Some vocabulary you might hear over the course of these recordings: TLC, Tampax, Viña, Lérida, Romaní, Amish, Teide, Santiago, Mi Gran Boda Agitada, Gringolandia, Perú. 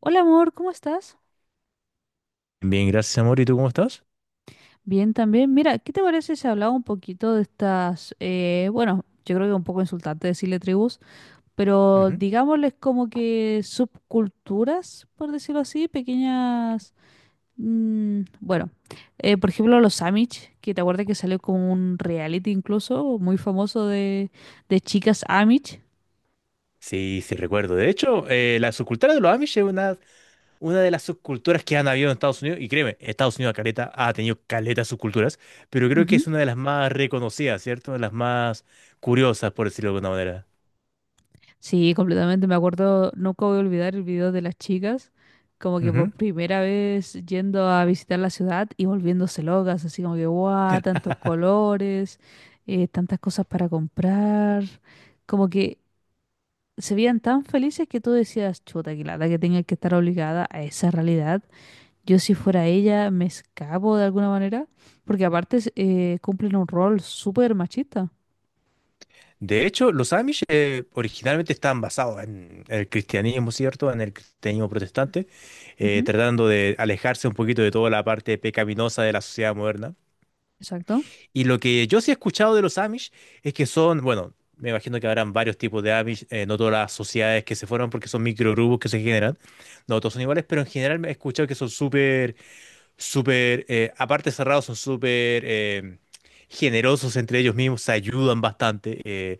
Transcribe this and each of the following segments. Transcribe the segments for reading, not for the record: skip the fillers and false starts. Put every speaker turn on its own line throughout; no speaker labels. Hola amor, ¿cómo estás?
Bien, gracias, amor. ¿Y tú cómo estás?
Bien también. Mira, ¿qué te parece si hablaba un poquito de estas, bueno, yo creo que es un poco insultante decirle tribus, pero
Ujú.
digámosles como que subculturas, por decirlo así, pequeñas, bueno, por ejemplo los Amish, que te acuerdas que salió como un reality incluso muy famoso de chicas Amish.
Sí, sí, recuerdo. De hecho, la subcultura de los Amish es una, de las subculturas que han habido en Estados Unidos. Y créeme, Estados Unidos caleta, ha tenido caleta de subculturas, pero creo que es
Ujú.
una de las más reconocidas, ¿cierto? De las más curiosas, por decirlo de alguna manera.
Sí, completamente. Me acuerdo, nunca voy a olvidar el video de las chicas, como que por
Ujú.
primera vez yendo a visitar la ciudad y volviéndose locas, así como que, guau, tantos colores, tantas cosas para comprar. Como que se veían tan felices que tú decías, chuta, que lata que tenga que estar obligada a esa realidad. Yo, si fuera ella, me escapo de alguna manera, porque aparte cumplen un rol súper machista.
De hecho, los Amish originalmente estaban basados en el cristianismo, ¿cierto? En el cristianismo protestante,
Ujú,
tratando de alejarse un poquito de toda la parte pecaminosa de la sociedad moderna.
exacto.
Y lo que yo sí he escuchado de los Amish es que son, bueno, me imagino que habrán varios tipos de Amish, no todas las sociedades que se forman porque son microgrupos que se generan, no todos son iguales, pero en general me he escuchado que son súper, súper, aparte cerrados, son súper generosos entre ellos mismos, se ayudan bastante. eh,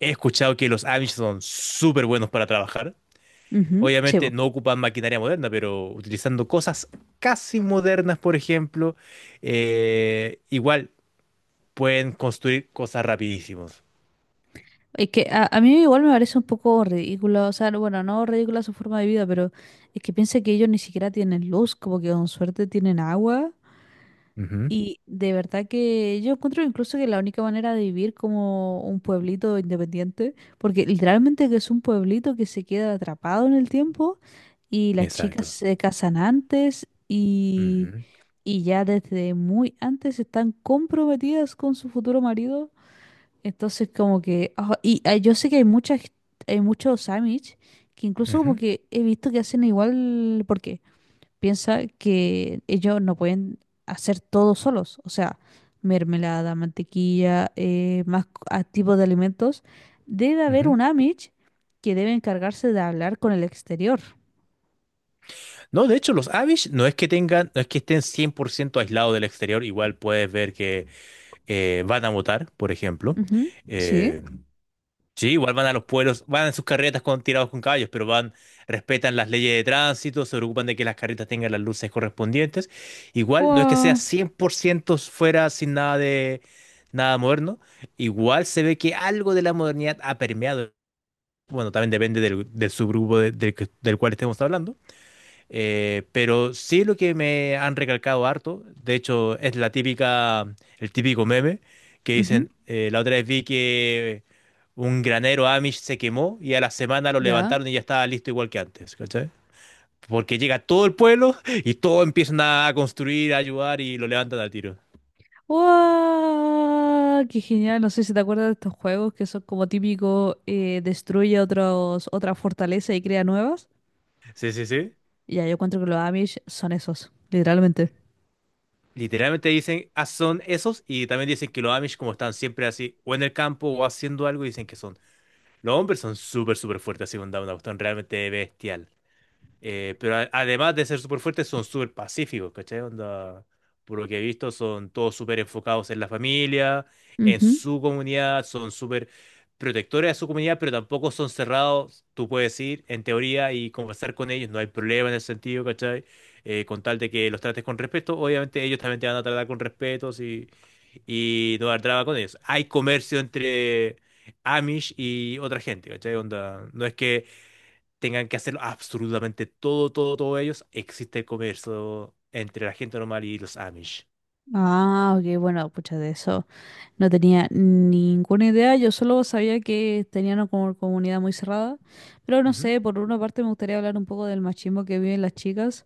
he escuchado que los Amish son súper buenos para trabajar.
Ujú, sí,
Obviamente
po.
no ocupan maquinaria moderna, pero utilizando cosas casi modernas, por ejemplo, igual pueden construir cosas rapidísimos.
Es que a mí igual me parece un poco ridículo, o sea, bueno, no ridícula su forma de vida, pero es que piensa que ellos ni siquiera tienen luz, como que con suerte tienen agua.
Ujú,
Y de verdad que yo encuentro incluso que la única manera de vivir como un pueblito independiente, porque literalmente que es un pueblito que se queda atrapado en el tiempo y las chicas
exacto.
se casan
Ujú,
y ya desde muy antes están comprometidas con su futuro marido. Entonces, como que. Yo sé que hay muchas, hay muchos Amish que incluso como
ujú,
que he visto que hacen igual porque piensa que ellos no pueden hacer todo solos. O sea, mermelada, mantequilla, tipos de alimentos. Debe haber
ujú.
un Amish que debe encargarse de hablar con el exterior.
No, de hecho, los Amish no es que tengan, no es que estén 100% aislados del exterior, igual puedes ver que van a votar, por ejemplo.
Ujú, sí.
Eh, sí, igual van a los pueblos, van en sus carretas con, tirados con caballos, pero van, respetan las leyes de tránsito, se preocupan de que las carretas tengan las luces correspondientes. Igual, no es que sea
Wow.
100% fuera sin nada de nada moderno, igual se ve que algo de la modernidad ha permeado. Bueno, también depende del, subgrupo del cual estemos hablando. Pero sí lo que me han recalcado harto, de hecho, es el típico meme que
Ujú,
dicen, la otra vez vi que un granero Amish se quemó y a la semana lo
ya.
levantaron y ya estaba listo igual que antes, ¿cachai? Porque llega todo el pueblo y todos empiezan a construir, a ayudar y lo levantan al tiro.
Wow, ¡qué genial! No sé si te acuerdas de estos juegos que son como típico, destruye otra fortaleza y crea nuevas.
Sí, sí, sí.
Ya, yo encuentro que los Amish son esos, literalmente.
Literalmente dicen, ah, son esos y también dicen que los Amish, como están siempre así, o en el campo o haciendo algo, dicen que son los hombres son súper, súper fuertes así con Down, una cuestión realmente bestial. Pero además de ser súper fuertes, son súper pacíficos, ¿cachai? Onda, por lo que he visto, son todos súper enfocados en la familia, en
Ujú.
su comunidad, son súper protectores de su comunidad, pero tampoco son cerrados. Tú puedes ir, en teoría, y conversar con ellos, no hay problema en ese sentido, ¿cachai? Con tal de que los trates con respeto, obviamente ellos también te van a tratar con respeto, sí, y no dar traba con ellos. Hay comercio entre Amish y otra gente, ¿cachai? Onda, no es que tengan que hacerlo absolutamente todo, todo, todo ellos, existe el comercio entre la gente normal y los Amish.
Ah, ok, bueno, pucha, de eso no tenía ninguna idea. Yo solo sabía que tenían una comunidad muy cerrada. Pero no
Ujú.
sé, por una parte me gustaría hablar un poco del machismo que viven las chicas.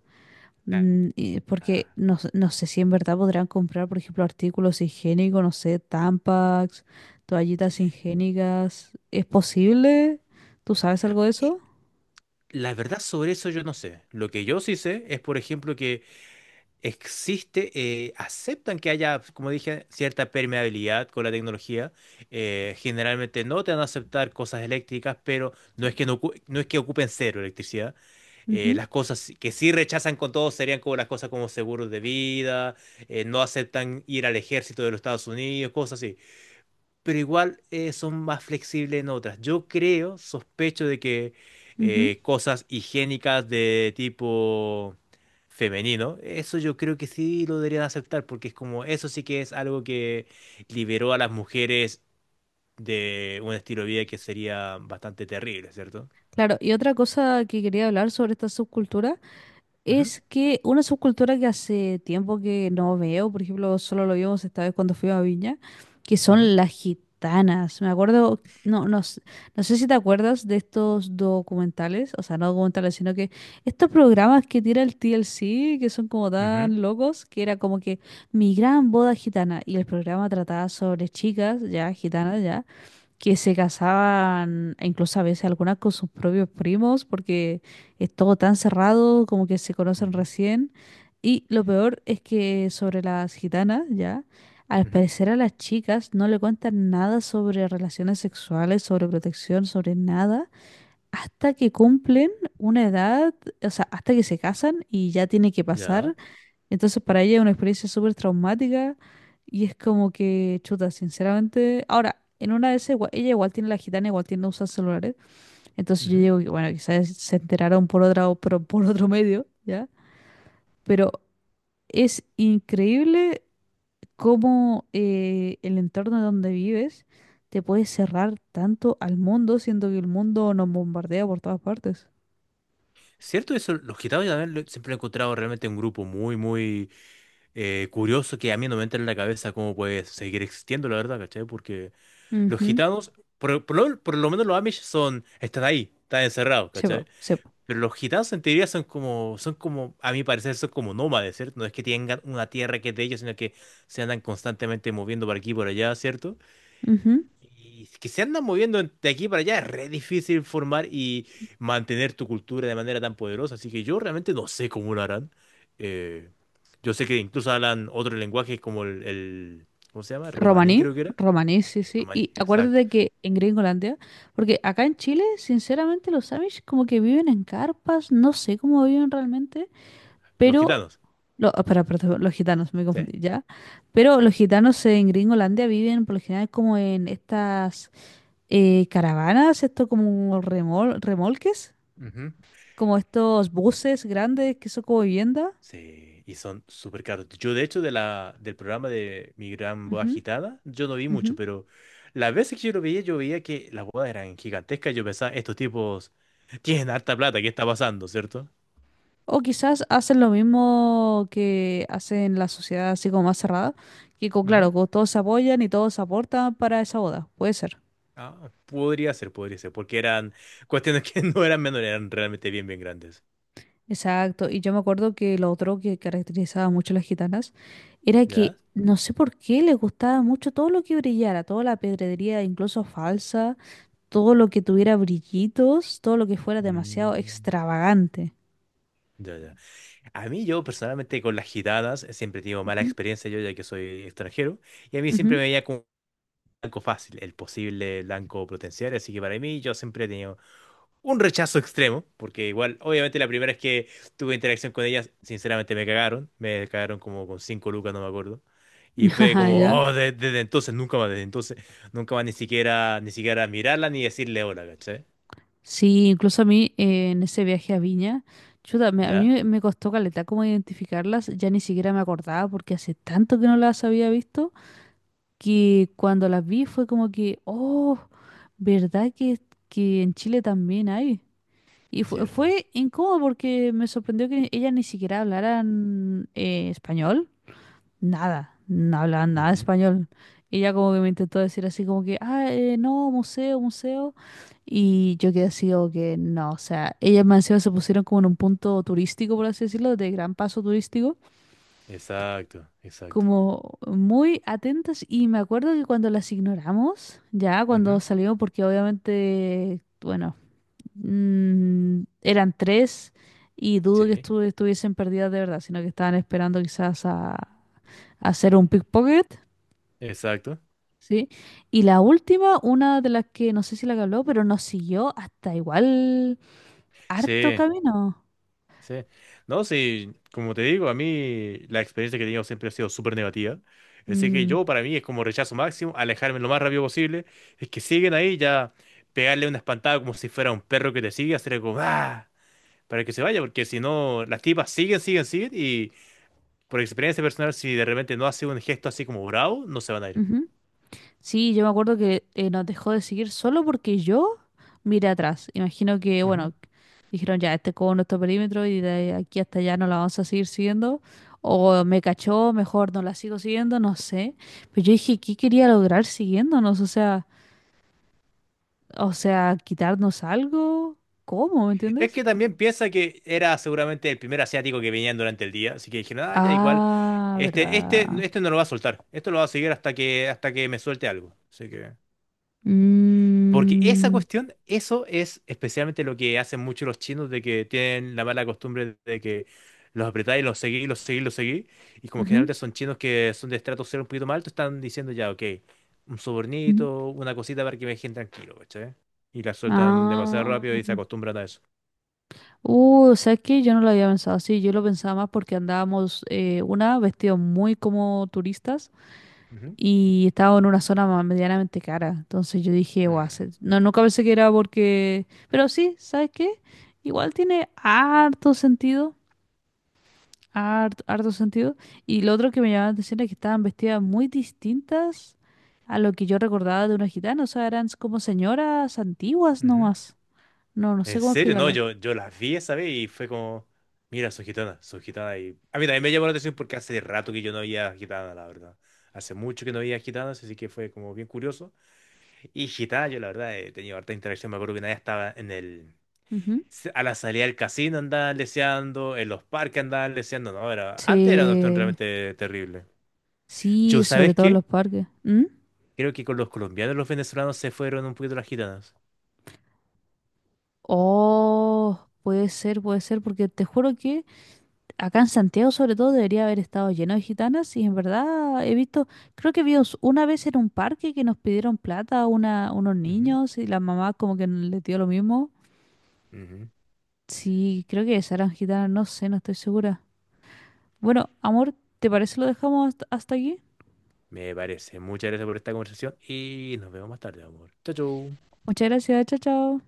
Porque
Ah,
no sé si en verdad podrán comprar, por ejemplo, artículos higiénicos, no sé, Tampax, toallitas higiénicas. ¿Es posible? ¿Tú sabes algo de
y
eso?
la verdad sobre eso yo no sé. Lo que yo sí sé es, por ejemplo, que existe, aceptan que haya, como dije, cierta permeabilidad con la tecnología. Generalmente no te van a aceptar cosas eléctricas, pero no es que, no, no es que ocupen cero electricidad.
Ujú,
Las cosas si, que sí rechazan con todo serían como las cosas como seguros de vida, no aceptan ir al ejército de los Estados Unidos, cosas así, pero igual son más flexibles en otras. Yo creo, sospecho de que
ujú.
cosas higiénicas de tipo femenino, eso yo creo que sí lo deberían aceptar, porque es como, eso sí que es algo que liberó a las mujeres de un estilo de vida que sería bastante terrible, ¿cierto?
Claro, y otra cosa que quería hablar sobre esta subcultura
Ujú,
es que una subcultura que hace tiempo que no veo, por ejemplo, solo lo vimos esta vez cuando fui a Viña, que
ujú,
son las gitanas. Me acuerdo, no sé si te acuerdas de estos documentales, o sea, no documentales, sino que estos programas que tira el TLC, que son como
ujú,
tan locos, que era como que mi gran boda gitana, y el programa trataba sobre chicas, ya, gitanas, ya que se casaban e incluso a veces algunas con sus propios primos porque es todo tan cerrado como que se conocen
ujú,
recién. Y lo peor es que sobre las gitanas, ya, al
ujú,
parecer a las chicas no le cuentan nada sobre relaciones sexuales, sobre protección, sobre nada, hasta que cumplen una edad, o sea, hasta que se casan y ya tiene que pasar,
ya.
entonces para ella es una experiencia súper traumática y es como que, chuta, sinceramente, ahora, en una de esas, ella igual tiene la gitana, igual tiene usa celulares, entonces yo
Ujú.
digo que, bueno, quizás se enteraron por otra, por otro medio, ¿ya? Pero es increíble cómo el entorno donde vives te puede cerrar tanto al mundo, siendo que el mundo nos bombardea por todas partes.
¿Cierto? Eso, los gitanos también siempre lo he encontrado realmente un grupo muy, muy curioso que a mí no me entra en la cabeza cómo puede seguir existiendo, la verdad, ¿cachai? Porque los
Ujú,
gitanos, por lo menos los Amish son, están ahí, están encerrados,
Se va,
¿cachai?
se
Pero los gitanos en teoría a mi parecer, son como nómades, ¿cierto? No es que tengan una tierra que es de ellos, sino que se andan constantemente moviendo por aquí y por allá, ¿cierto?
va.
Y que se andan moviendo de aquí para allá, es re difícil formar y mantener tu cultura de manera tan poderosa. Así que yo realmente no sé cómo lo harán. Eh, yo sé que incluso hablan otro lenguaje como ¿cómo se llama? Romaní,
Romaní,
creo que era.
romaní, sí, sí.
Romaní,
Y
exacto.
acuérdate que en Gringolandia, porque acá en Chile, sinceramente, los Amish como que viven en carpas, no sé cómo viven realmente,
Los
pero...
gitanos.
Espera, espera, espera, los gitanos, me
Sí.
confundí ya. Pero los gitanos en Gringolandia viven por lo general como en estas caravanas, esto como remolques,
Ujú.
como estos buses grandes que son como vivienda.
Sí, y son súper caros. Yo, de hecho, del programa de Mi Gran Boda
Ujú,
Agitada, yo no vi
ujú.
mucho, pero las veces que yo lo veía, yo veía que las bodas eran gigantescas. Yo pensaba, estos tipos tienen harta plata, ¿qué está pasando, cierto?
O quizás hacen lo mismo que hacen la sociedad así como más cerrada,
Ujú.
claro, todos se apoyan y todos aportan para esa boda, puede ser.
Ah, podría ser, porque eran cuestiones que no eran menores, eran realmente bien, bien grandes.
Exacto, y yo me acuerdo que lo otro que caracterizaba mucho a las gitanas era que
¿Ya?
no sé por qué les gustaba mucho todo lo que brillara, toda la pedrería incluso falsa, todo lo que tuviera brillitos, todo lo que fuera demasiado
Mm,
extravagante.
ya, ya. A mí, yo personalmente con las gitanas siempre tengo mala
Ujú,
experiencia, yo ya que soy extranjero, y a mí siempre me
ujú.
veía como blanco fácil, el posible blanco potencial. Así que para mí yo siempre he tenido un rechazo extremo, porque igual, obviamente la primera vez que tuve interacción con ellas, sinceramente me cagaron como con cinco lucas, no me acuerdo. Y fue
Ajá,
como,
ya.
oh, desde entonces, nunca más, desde entonces, nunca más, ni siquiera, ni siquiera mirarla ni decirle hola, ¿cachai?
Sí, incluso a mí en ese viaje a Viña, chuta, a mí
¿Ya?
me costó caleta cómo identificarlas, ya ni siquiera me acordaba porque hace tanto que no las había visto que cuando las vi fue como que, oh, ¿verdad que en Chile también hay?
Cierto.
Fue incómodo porque me sorprendió que ellas ni siquiera hablaran español, nada, no hablaban nada de
Ujú.
español. Y ella como que me intentó decir así como que, no, museo, museo. Y yo quedé así como que no, o sea, ellas más encima se pusieron como en un punto turístico, por así decirlo, de gran paso turístico,
Exacto, exacto.
como muy atentas. Y me acuerdo que cuando las ignoramos, ya cuando
Ujú.
salimos, porque obviamente, bueno, eran tres y dudo que
Sí,
estuviesen perdidas de verdad, sino que estaban esperando quizás a hacer un pickpocket.
exacto.
Sí. Y la última, una de las que no sé si la que habló, pero nos siguió hasta igual harto
Sí.
camino.
Sí. No, sí, como te digo, a mí la experiencia que he tenido siempre ha sido súper negativa. Así que
Mm,
yo, para mí, es como rechazo máximo, alejarme lo más rápido posible. Es que siguen ahí, ya pegarle una espantada como si fuera un perro que te sigue, hacerle como ¡ah! Para que se vaya, porque si no, las tipas siguen, siguen, siguen. Y por experiencia personal, si de repente no hace un gesto así como bravo, no se van a
ujú. Sí, yo me acuerdo que nos dejó de seguir solo porque yo miré atrás. Imagino que,
ir.
bueno, dijeron ya, este es como nuestro perímetro y de aquí hasta allá no la vamos a seguir siguiendo. O me cachó, mejor no la sigo siguiendo, no sé. Pero yo dije, ¿qué quería lograr siguiéndonos? O sea, quitarnos algo. ¿Cómo? ¿Me
Es
entiendes?
que también piensa que era seguramente el primer asiático que venían durante el día, así que dijeron, ah, ya igual,
Ah,
este, este,
¿verdad?
este no lo va a soltar, esto lo va a seguir hasta que me suelte algo. Así que. Porque esa
Mm,
cuestión, eso es especialmente lo que hacen muchos los chinos, de que tienen la mala costumbre de que los apretáis, los seguís, los seguís, los seguís, y como
ujú,
generalmente son chinos que son de estrato cero un poquito más alto, están diciendo ya, ok, un
ujú.
sobornito, una cosita para que me dejen tranquilo, ¿cachai? Y la sueltan demasiado
Ah.
rápido y se acostumbran a eso.
O sea que yo no lo había pensado así, yo lo pensaba más porque andábamos, vestidos muy como turistas
Ujú.
y estábamos en una zona más medianamente cara. Entonces yo dije, guau,
Mm.
no, nunca pensé que era porque... Pero sí, ¿sabes qué? Igual tiene harto sentido. Harto sentido. Y lo otro que me llamaba la atención es que estaban vestidas muy distintas a lo que yo recordaba de una gitana. O sea, eran como señoras antiguas
Ujú.
nomás. No, no sé
En
cómo
serio, no,
explicarlo.
yo las vi esa vez y fue como, mira, son gitanas, son gitanas. Y a mí también me llamó la atención porque hace rato que yo no había gitanas, la verdad. Hace mucho que no había gitanas, así que fue como bien curioso. Y gitanas, yo la verdad he tenido harta interacción. Me acuerdo que una vez estaba en el,
Ujú.
a la salida del casino andaban leseando, en los parques andaban leseando. No, era, antes era una cuestión
Sí,
realmente terrible.
sí,
Yo,
sobre
¿sabes
todo en los
qué?
parques. ¿Mm?
Creo que con los colombianos y los venezolanos se fueron un poquito las gitanas.
Oh, puede ser, porque te juro que acá en Santiago sobre todo debería haber estado lleno de gitanas y en verdad he visto, creo que vimos una vez en un parque que nos pidieron plata unos
Ujú.
niños y la mamá como que le dio lo mismo.
Ujú.
Sí, creo que Sarah Gitana, no sé, no estoy segura. Bueno, amor, ¿te parece lo dejamos hasta aquí?
Me parece. Muchas gracias por esta conversación y nos vemos más tarde, amor. Chau, chau.
Muchas gracias, chao, chao.